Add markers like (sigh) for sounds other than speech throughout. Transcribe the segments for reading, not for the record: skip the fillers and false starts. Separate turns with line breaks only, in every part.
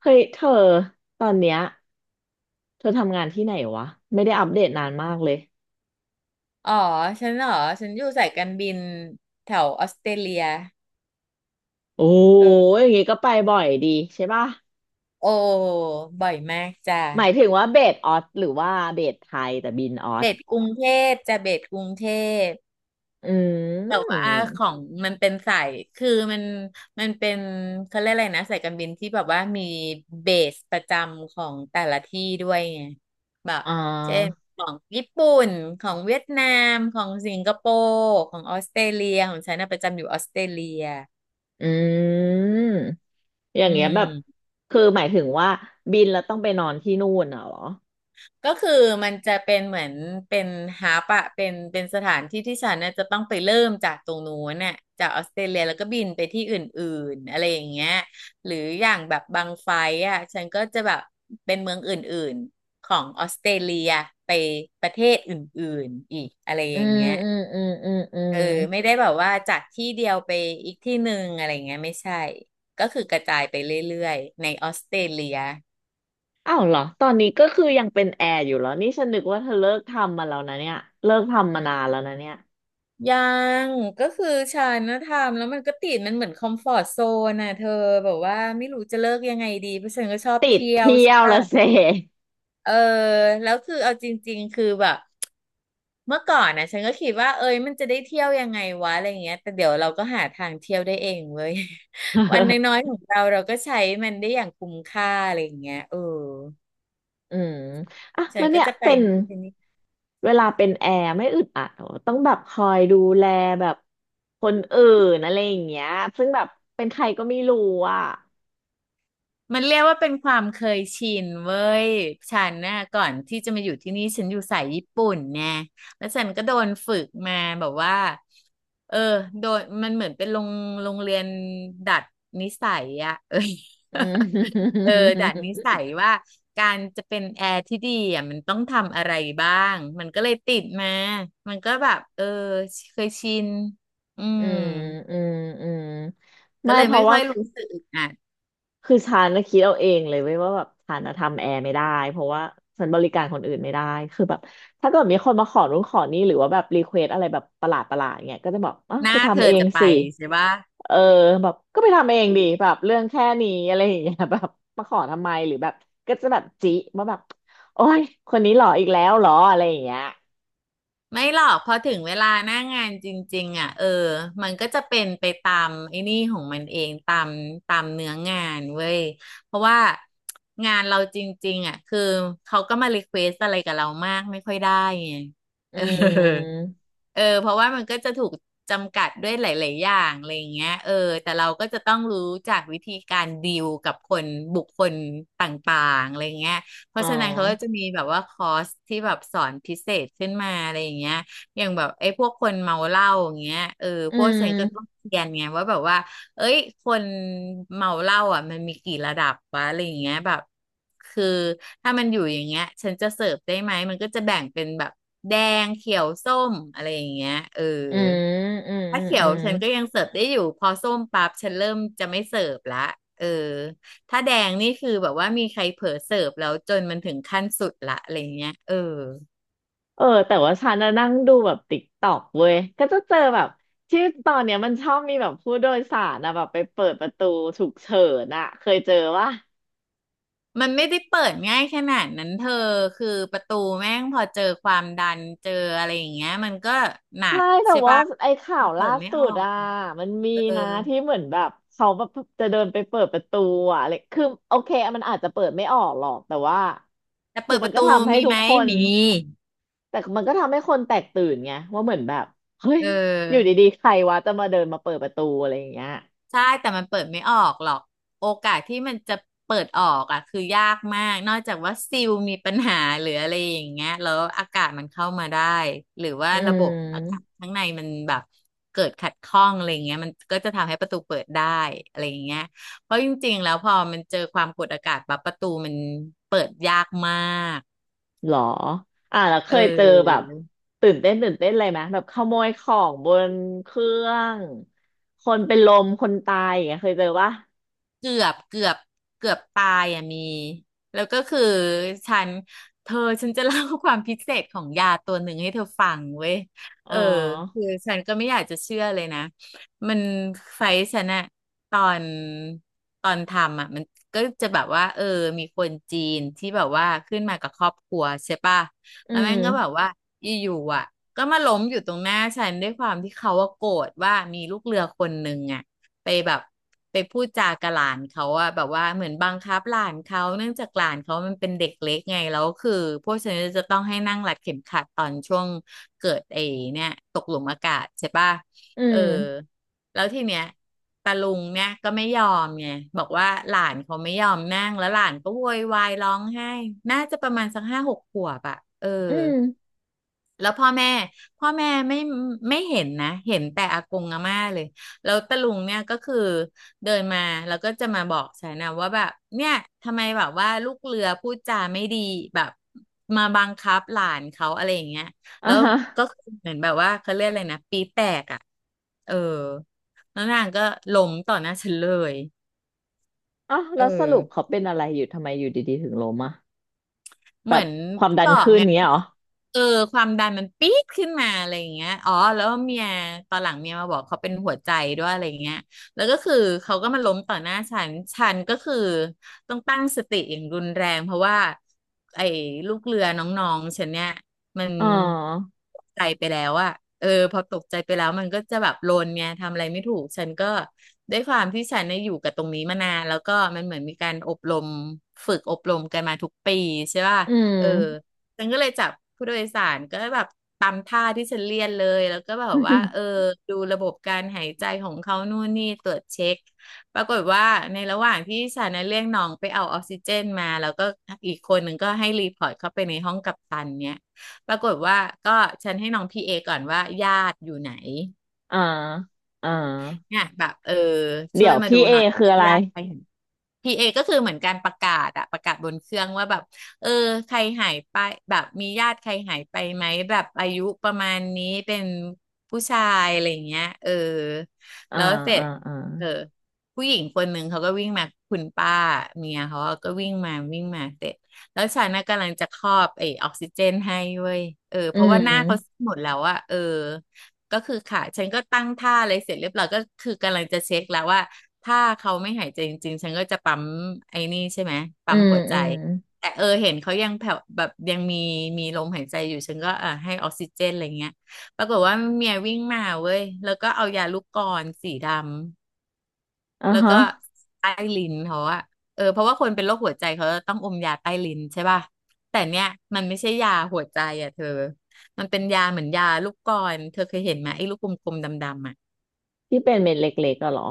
เฮ้ยเธอตอนเนี้ยเธอทำงานที่ไหนวะไม่ได้อัปเดตนานมากเลย
อ๋อฉันเหรอฉันอยู่สายการบินแถวออสเตรเลีย
โอ้
เออ
ยอย่างงี้ก็ไปบ่อยดีใช่ป่ะ
โอ้บ่อยมากจ้ะ
หมายถึงว่าเบสออสหรือว่าเบสไทยแต่บินออ
เบ
ส
สกรุงเทเบสกรุงเทพ
อื
แต่ว่า
ม
ของมันเป็นสายคือมันเป็นเขาเรียกอะไรนะสายการบินที่แบบว่ามีเบสประจำของแต่ละที่ด้วยไงแบบ
อ่
เช่น
า
ของญี่ปุ่นของเวียดนามของสิงคโปร์ของออสเตรเลียของฉันน่ะประจำอยู่ออสเตรเลีย
อืมอย่า
อื
งเงี้ยแบบ
ม
คือหมายถึงว่าบินแล้วต้องไปนอนที่นู่นน่ะเหรอ
ก็คือมันจะเป็นเหมือนเป็นฮับอะเป็นสถานที่ที่ฉันน่ะจะต้องไปเริ่มจากตรงนู้นน่ะจากออสเตรเลียแล้วก็บินไปที่อื่นๆอะไรอย่างเงี้ยหรืออย่างแบบบางไฟล์อะฉันก็จะแบบเป็นเมืองอื่นๆของออสเตรเลียไปประเทศอื่นๆอีกอะไรอ
อื
ย่าง
ม
เงี้ย
อืมอืมอืมอื
เอ
ม
อไม่ได้แบบว่าจากที่เดียวไปอีกที่หนึ่งอะไรอย่างเงี้ยไม่ใช่ก็คือกระจายไปเรื่อยๆในออสเตรเลีย
อ้าวเหรอตอนนี้ก็คือยังเป็นแอร์อยู่เหรอนี่ฉันนึกว่าเธอเลิกทำมาแล้วนะเนี่ยเลิกทำมานานแล้วนะเนี่ย
ยังก็คือฉันนะทำแล้วมันก็ติดมันเหมือนคอมฟอร์ z โซนน่ะเธอแบบว่าไม่รู้จะเลิกยังไงดีเพราะฉันก็ชอบ
ติด
เที่ยว
เที่ย
ใช่
ว
ปะ
ละเซ
เออแล้วคือเอาจริงๆคือแบบเมื่อก่อนนะฉันก็คิดว่าเอ้ยมันจะได้เที่ยวยังไงวะอะไรเงี้ยแต่เดี๋ยวเราก็หาทางเที่ยวได้เองเว้ย (laughs) วันน้อย
(laughs)
ๆของเราเราก็ใช้มันได้อย่างคุ้มค่าอะไรอย่างเงี้ยเออ
อืมอ่ะ
ฉั
แล้
น
ว
ก็
เนี่ย
จะไป
เป็น
นี่
เวลาเป็นแอร์ไม่อึดอัดเหรอต้องแบบคอยดูแลแบบคนอื่นอะไรอย่างเงี้ยซึ่งแบบเป็นใครก็ไม่รู้อ่ะ
มันเรียกว่าเป็นความเคยชินเว้ยฉันน่ะก่อนที่จะมาอยู่ที่นี่ฉันอยู่สายญี่ปุ่นไงแล้วฉันก็โดนฝึกมาแบบว่าเออโดนมันเหมือนเป็นโรงเรียนดัดนิสัยอะ (laughs) เออ
(laughs) อืม
(laughs) เออดัดนิสั
(laughs)
ยว่าการจะเป็นแอร์ที่ดีอ่ะมันต้องทำอะไรบ้างมันก็เลยติดมามันก็แบบเออเคยชินอื
อื
ม
มอืมอืม
ก็
ไม่
เลย
เพ
ไม่
ราะ
ค่
ว่า
อยรู้สึกอึดอัด
คือฉันน่ะคิดเอาเองเลยเว้ยว่าแบบฉันน่ะทำแอร์ไม่ได้เพราะว่าฉันบริการคนอื่นไม่ได้คือแบบถ้าเกิดมีคนมาขอรุ้นขอนี่หรือว่าแบบรีเควสอะไรแบบประหลาดเงี้ยก็จะบอกอ้าว
ห
ไป
น้าเธ
ทำเอ
อ
ง
จะไป
สิ
ใช่ปะ
เออแบบก็ไปทำเองดีแบบเรื่องแค่นี้อะไรอย่างเงี้ย (laughs) แบบมาขอทำไมหรือแบบก็จะแบบจิว่าแบบโอ้ยคนนี้หล่ออีกแล้วเหรออะไรอย่างเงี้ย
ไม่หรอกพอถึงเวลาหน้างานจริงๆอ่ะเออมันก็จะเป็นไปตามไอ้นี่ของมันเองตามเนื้องานเว้ยเพราะว่างานเราจริงๆอ่ะคือเขาก็มารีเควสอะไรกับเรามากไม่ค่อยได้ไง
อื
เออ
ม
เออเพราะว่ามันก็จะถูกจำกัดด้วยหลายๆอย่างอะไรอย่างเงี้ยเออแต่เราก็จะต้องรู้จากวิธีการดีลกับคนบุคคลต่างๆอะไรเงี้ย เพ
อ๋อ
ราะฉะนั้นเขาก็จะมีแบบว่าคอร์สที่แบบสอนพิเศษขึ้นมาอะไรอย่างเงี้ยอย่างแบบไอ้พวกคนเมาเหล้าอย่างเงี้ยเออ
อื
พวกฉันก็ต้อง
ม
เรียนไงว่าแบบว่าเอ้ยคนเมาเหล้าอ่ะมันมีกี่ระดับวะอะไรอย่างเงี้ยแบบคือถ้ามันอยู่อย่างเงี้ยฉันจะเสิร์ฟได้ไหมมันก็จะแบ่งเป็นแบบแดงเขียวส้มอะไรอย่างเงี้ยเออ
อืมอืมอื
ถ้า
ม
เขีย
อื
ว
ม
ฉันก็ยังเสิร์ฟได้อยู่พอส้มปั๊บฉันเริ่มจะไม่เสิร์ฟละเออถ้าแดงนี่คือแบบว่ามีใครเผลอเสิร์ฟแล้วจนมันถึงขั้นสุดละอะไรเงี้ยเออ
เออแต่ว่าฉันน่ะนั่งดูแบบติ๊กต็อกเว้ยก็จะเจอแบบที่ตอนเนี้ยมันชอบมีแบบผู้โดยสารนะแบบไปเปิดประตูฉุกเฉินอะเคยเจอว่า
มันไม่ได้เปิดง่ายขนาดนั้นเธอคือประตูแม่งพอเจอความดันเจออะไรอย่างเงี้ยมันก็หนั
ใช่
ก
แต่
ใช่
ว่า
ปะ
ไอ้ข่าว
เปิ
ล่า
ดไม่
สุ
ออ
ด
ก
อ่ะมันมี
เออ
นะที่เหมือนแบบเขาแบบจะเดินไปเปิดประตูอ่ะเลยคือโอเคมันอาจจะเปิดไม่ออกหรอกแต่ว่า
แต่
คื
เปิ
อ
ดป
มัน
ระ
ก็
ตู
ทำให้
มี
ทุ
ไห
ก
ม
คน
มี
แต่มันก็ทำให้คนแตกตื่นไงว่าเหมือนแบบเฮ้ย
เอ
อยู่
อ
ดีๆใครวะจะมาเดินมาเปิดประตูอะไรอย่างเงี้ย
ใช่แต่มันเปิดไม่ออกหรอกโอกาสที่มันจะเปิดออกอ่ะคือยากมากนอกจากว่าซิลมีปัญหาหรืออะไรอย่างเงี้ยแล้วอากาศมันเข้ามาได้หรือว่า
อื
ระบบอากาศ
ม
ข้างในมันแบบเกิดขัดข้องอะไรเงี้ยมันก็จะทำให้ประตูเปิดได้อะไรอย่างเงี้ยเพราะจริงๆแล้วพอมันเจอความกดอากาศปั๊บประตูมันเปิดยากมาก
หรออ่าแล้วเค
เอ
ยเจอแบบ
อ
ตื่นเต้นตื่นเต้นอะไรไหมแบบขโมยของบนเครื่องคนเป็นลมคนตายอย่างเงี้ยเคยเจอปะ
เกือบเกือบเกือบตายอ่ะมีแล้วก็คือฉันเธอฉันจะเล่าความพิเศษของยาตัวหนึ่งให้เธอฟังเว้ย
อ๋
เอ
อ
อคือฉันก็ไม่อยากจะเชื่อเลยนะมันไฟท์ฉันอะตอนตอนทำอะมันก็จะแบบว่าเออมีคนจีนที่แบบว่าขึ้นมากับครอบครัวใช่ป่ะ
อื
แล้ว
ม
แม่งก็แบบว่าอยู่ๆอ่ะก็มาล้มอยู่ตรงหน้าฉันด้วยความที่เขาว่าโกรธว่ามีลูกเรือคนหนึ่งอ่ะ ไปแบบไปพูดจากับหลานเขาอะแบบว่าเหมือนบังคับหลานเขาเนื่องจากหลานเขามันเป็นเด็กเล็กไงแล้วคือพวกฉันจะต้องให้นั่งรัดเข็มขัดตอนช่วงเกิดไอ้เนี่ยตกหลุมอากาศใช่ป่ะ
อื
เออ
ม
แล้วทีเนี้ยตาลุงเนี่ยก็ไม่ยอมไงบอกว่าหลานเขาไม่ยอมนั่งแล้วหลานก็โวยวายร้องไห้น่าจะประมาณสัก5-6 ขวบอะเออ
อืม
แล้วพ่อแม่ไม่เห็นนะเห็นแต่อากงอาม่าเลยแล้วตะลุงเนี่ยก็คือเดินมาแล้วก็จะมาบอกฉันนะว่าแบบเนี่ยทำไมแบบว่าลูกเรือพูดจาไม่ดีแบบมาบังคับหลานเขาอะไรอย่างเงี้ย
อ่า
แล้ว
ฮะ
ก็คือเหมือนแบบว่าเขาเรียกอะไรนะปีแตกอ่ะเออแล้วนางก็ล้มต่อหน้าฉันเลย
อ๋อ
เออ
แล้วสรุปเขาเป็นอะไรอยู่ทำไมอยู่ดีๆถึงล้มอ่ะแบ
เหมื
บ
อน
ความ
ที่
ดั
บ
น
อก
ขึ้น
ไง
เงี้ยเหรอ
เออความดันมันปี๊ดขึ้นมาอะไรอย่างเงี้ยอ๋อแล้วเมียตอนหลังเมียมาบอกเขาเป็นหัวใจด้วยอะไรอย่างเงี้ยแล้วก็คือเขาก็มาล้มต่อหน้าฉันฉันก็คือต้องตั้งสติอย่างรุนแรงเพราะว่าไอ้ลูกเรือน้องๆฉันเนี่ยมัน
อ๋อ
ตกใจไปแล้วอะเออพอตกใจไปแล้วมันก็จะแบบโลนเนี่ยทำอะไรไม่ถูกฉันก็ด้วยความที่ฉันเนี่ยอยู่กับตรงนี้มานานแล้วก็มันเหมือนมีการอบรมฝึกอบรมกันมาทุกปีใช่ป่ะ
อืม
เออฉันก็เลยจับผู้โดยสารก็แบบตามท่าที่ฉันเรียนเลยแล้วก็แบบว่าเออ
(laughs)
ดูระบบการหายใจของเขานู่นนี่ตรวจเช็คปรากฏว่าในระหว่างที่ฉันน่ะเรียกน้องไปเอาออกซิเจนมาแล้วก็อีกคนหนึ่งก็ให้รีพอร์ตเข้าไปในห้องกัปตันเนี่ยปรากฏว่าก็ฉันให้น้องพีเอก่อนว่าญาติอยู่ไหน
อ่าอ่า
เนี่ยแบบเออ
เดี๋
ช่ว
ย
ย
ว
มา
พี่
ดู
เอ
หน่อย
คืออะไร
ญาติใคร พีเอก็คือเหมือนการประกาศอะประกาศบนเครื่องว่าแบบเออใครหายไปแบบมีญาติใครหายไปไหมแบบอายุประมาณนี้เป็นผู้ชายอะไรอย่างเงี้ยเออ
อ่า
แล้วเสร็
อ่า
จ
อ่า
เออผู้หญิงคนหนึ่งเขาก็วิ่งมาคุณป้าเมียเขาก็วิ่งมาวิ่งมาเสร็จแล้วฉันน่ะกำลังจะครอบไอ้ออกซิเจนให้เว้ยเออ
อื
เพราะว่าหน้าเขา
ม
หมดแล้วอะเออ ก็คือขาฉันก็ตั้งท่าอะไรเสร็จเรียบร้อยก็คือกำลังจะเช็คแล้วว่าถ้าเขาไม่หายใจจริงๆ ฉันก็จะปั๊มไอ้นี่ใช่ไหม
อื
ปั๊ม
ม
หัวใจ
อืม
แต่เออเห็นเขายังแผ่วแบบยังมีมีลมหายใจอยู่ฉันก็อ่าให้ออกซิเจนอะไรเงี้ยปรากฏว่าเมียวิ่งมาเว้ยแล้วก็เอายาลูกกรสีดำ
อ่า
แล้ว
ฮะ
ก็ใต้ลิ้นเขาอะเออเพราะว่าคนเป็นโรคหัวใจเขาต้องอมยาใต้ลิ้นใช่ป่ะแต่เนี่ยมันไม่ใช่ยาหัวใจอะเธอมันเป็นยาเหมือนยาลูกกลอนเธอเคยเห็นไหมไอ้ลูกกลมๆดำๆอะ
ที่เป็นเม็ดเล็กๆอะเหรอ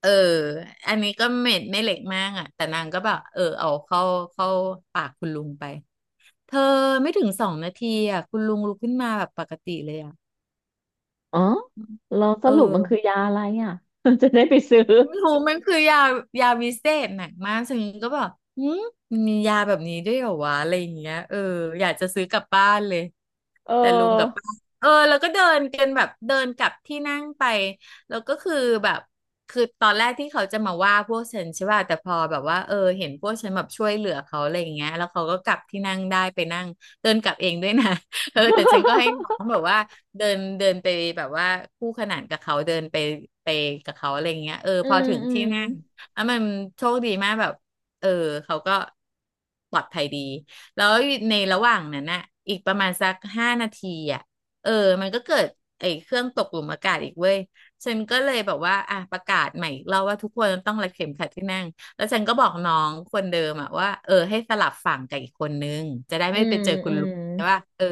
เอออันนี้ก็เม็ดไม่เล็กมากอะแต่นางก็แบบเออเอาเข้าปากคุณลุงไปเธอไม่ถึง2 นาทีอะคุณลุงลุกขึ้นมาแบบปกติเลยอะ
อ๋อเราส
เอ
รุปมันคือ
อ
ยาอะไรอ่ะ (laughs) จะได้ไปซื้อ
ไม่รู้มันคือยาวิเศษหนักมากซึ่งก็แบบหืมมันมียาแบบนี้ด้วยเหรอวะอะไรอย่างเงี้ยเอออยากจะซื้อกลับบ้านเลย
เอ
แต่ลุงกับ
อ
ป้าเออแล้วก็เดินกันแบบเดินกลับที่นั่งไปแล้วก็คือแบบคือตอนแรกที่เขาจะมาว่าพวกฉันใช่ป่ะแต่พอแบบว่าเออเห็นพวกฉันแบบช่วยเหลือเขาอะไรอย่างเงี้ยแล้วเขาก็กลับที่นั่งได้ไปนั่งเดินกลับเองด้วยนะ เออแต่ฉันก็ให้น้อง
(laughs)
แบบว่าเดินเดินไปแบบว่าคู่ขนานกับเขาเดินไปไปกับเขาอะไรเงี้ยเออ
อื
พอ
ม
ถึง
อื
ที่
ม
นั่งแล้วมันโชคดีมากแบบเออเขาก็ปลอดภัยดีแล้วในระหว่างนั้นน่ะอีกประมาณสัก5 นาทีอ่ะเออมันก็เกิดไอ้เครื่องตกหลุมอากาศอีกเว้ยฉันก็เลยแบบว่าอ่ะประกาศใหม่อีกรอบว่าทุกคนต้องรัดเข็มขัดที่นั่งแล้วฉันก็บอกน้องคนเดิมอะว่าเออให้สลับฝั่งกับอีกคนนึงจะได้
อื
ไม่ไป
ม
เจอคุ
อื
ณลุ
ม
งใช่ป่ะเออ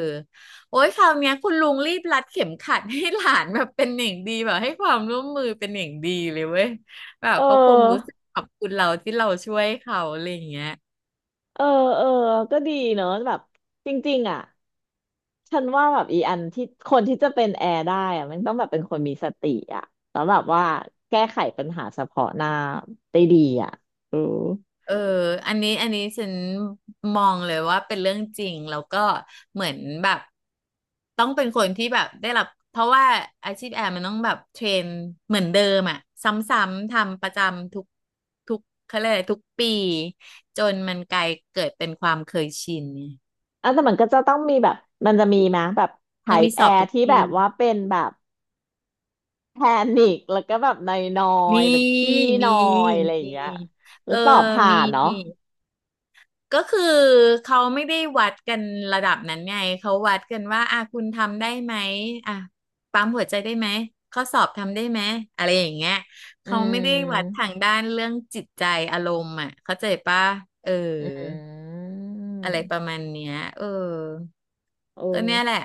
โอ้ยคราวเนี้ยคุณลุงรีบรัดเข็มขัดให้หลานแบบเป็นอย่างดีแบบให้ความร่วมมือเป็นอย่างดีเลยเว้ยแบบ
เ
เขาคงรู้
ออ
สึกขอบคุณเราที่เราช่วยเขาอะไรอย่างเงี้ย
เออเออก็ดีเนอะแบบจริงๆอ่ะฉันว่าแบบอีอันที่คนที่จะเป็นแอร์ได้อะมันต้องแบบเป็นคนมีสติอ่ะแล้วแบบว่าแก้ไขปัญหาเฉพาะหน้าได้ดีอ่ะเออ
เอออันนี้ฉันมองเลยว่าเป็นเรื่องจริงแล้วก็เหมือนแบบต้องเป็นคนที่แบบได้รับเพราะว่าอาชีพแอร์มันต้องแบบเทรนเหมือนเดิมอ่ะซ้ำๆทำประจำทุกเขาเรียกอะไรทุกปีจนมันกลายเกิดเป็นความเคยชิน
อ่ะแต่มันก็จะต้องมีแบบมันจะมีไหมแบบ
มัน
ไ y
มี
แอ
สอบ
ร์
ทุก
ที่แบ
ปี
บว่าเป็นแบบ แพนิคแล้วก็แบบนอ
มี
ยๆแบบขี้น
มี
อยอะไรอย่า
มี
งเงี้ย
เอ
แล้ว
อ
สอบผ่า
มี
นเนาะ
ก็คือเขาไม่ได้วัดกันระดับนั้นไงเขาวัดกันว่าอ่ะคุณทำได้ไหมอ่ะปั๊มหัวใจได้ไหมข้อสอบทำได้ไหมอะไรอย่างเงี้ย
อื
เขาไม่ได้วัดทา
ม
งด้านเรื่องจิตใจอารมณ์อ่ะเข้าใจปะเออ
อืม
อะไรประมาณเนี้ยเออ
โอ
ก็เนี่ยแห
้
ละ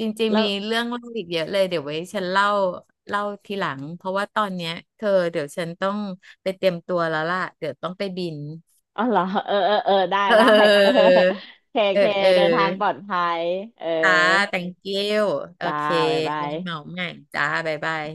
จริง
แล้
ๆมี
ว
เรื่องเล่าอีกเยอะเลยเดี๋ยวไว้ฉันเล่าทีหลังเพราะว่าตอนเนี้ยเธอเดี๋ยวฉันต้องไปเตรียมตัวแล้วล่ะเดี๋ยวต้องไปบิน
อ๋อเหรอเออเออเออได้
เ
ได้ (laughs) เออ
ออ
เค
เออ
เค
เออ
เดินทางปลอดภัยเออ
จ้า thank you โอ
จ้า
เค
บ๊ายบา
ไว้
ย
เหมาใหม่จ้าบ๊ายบาย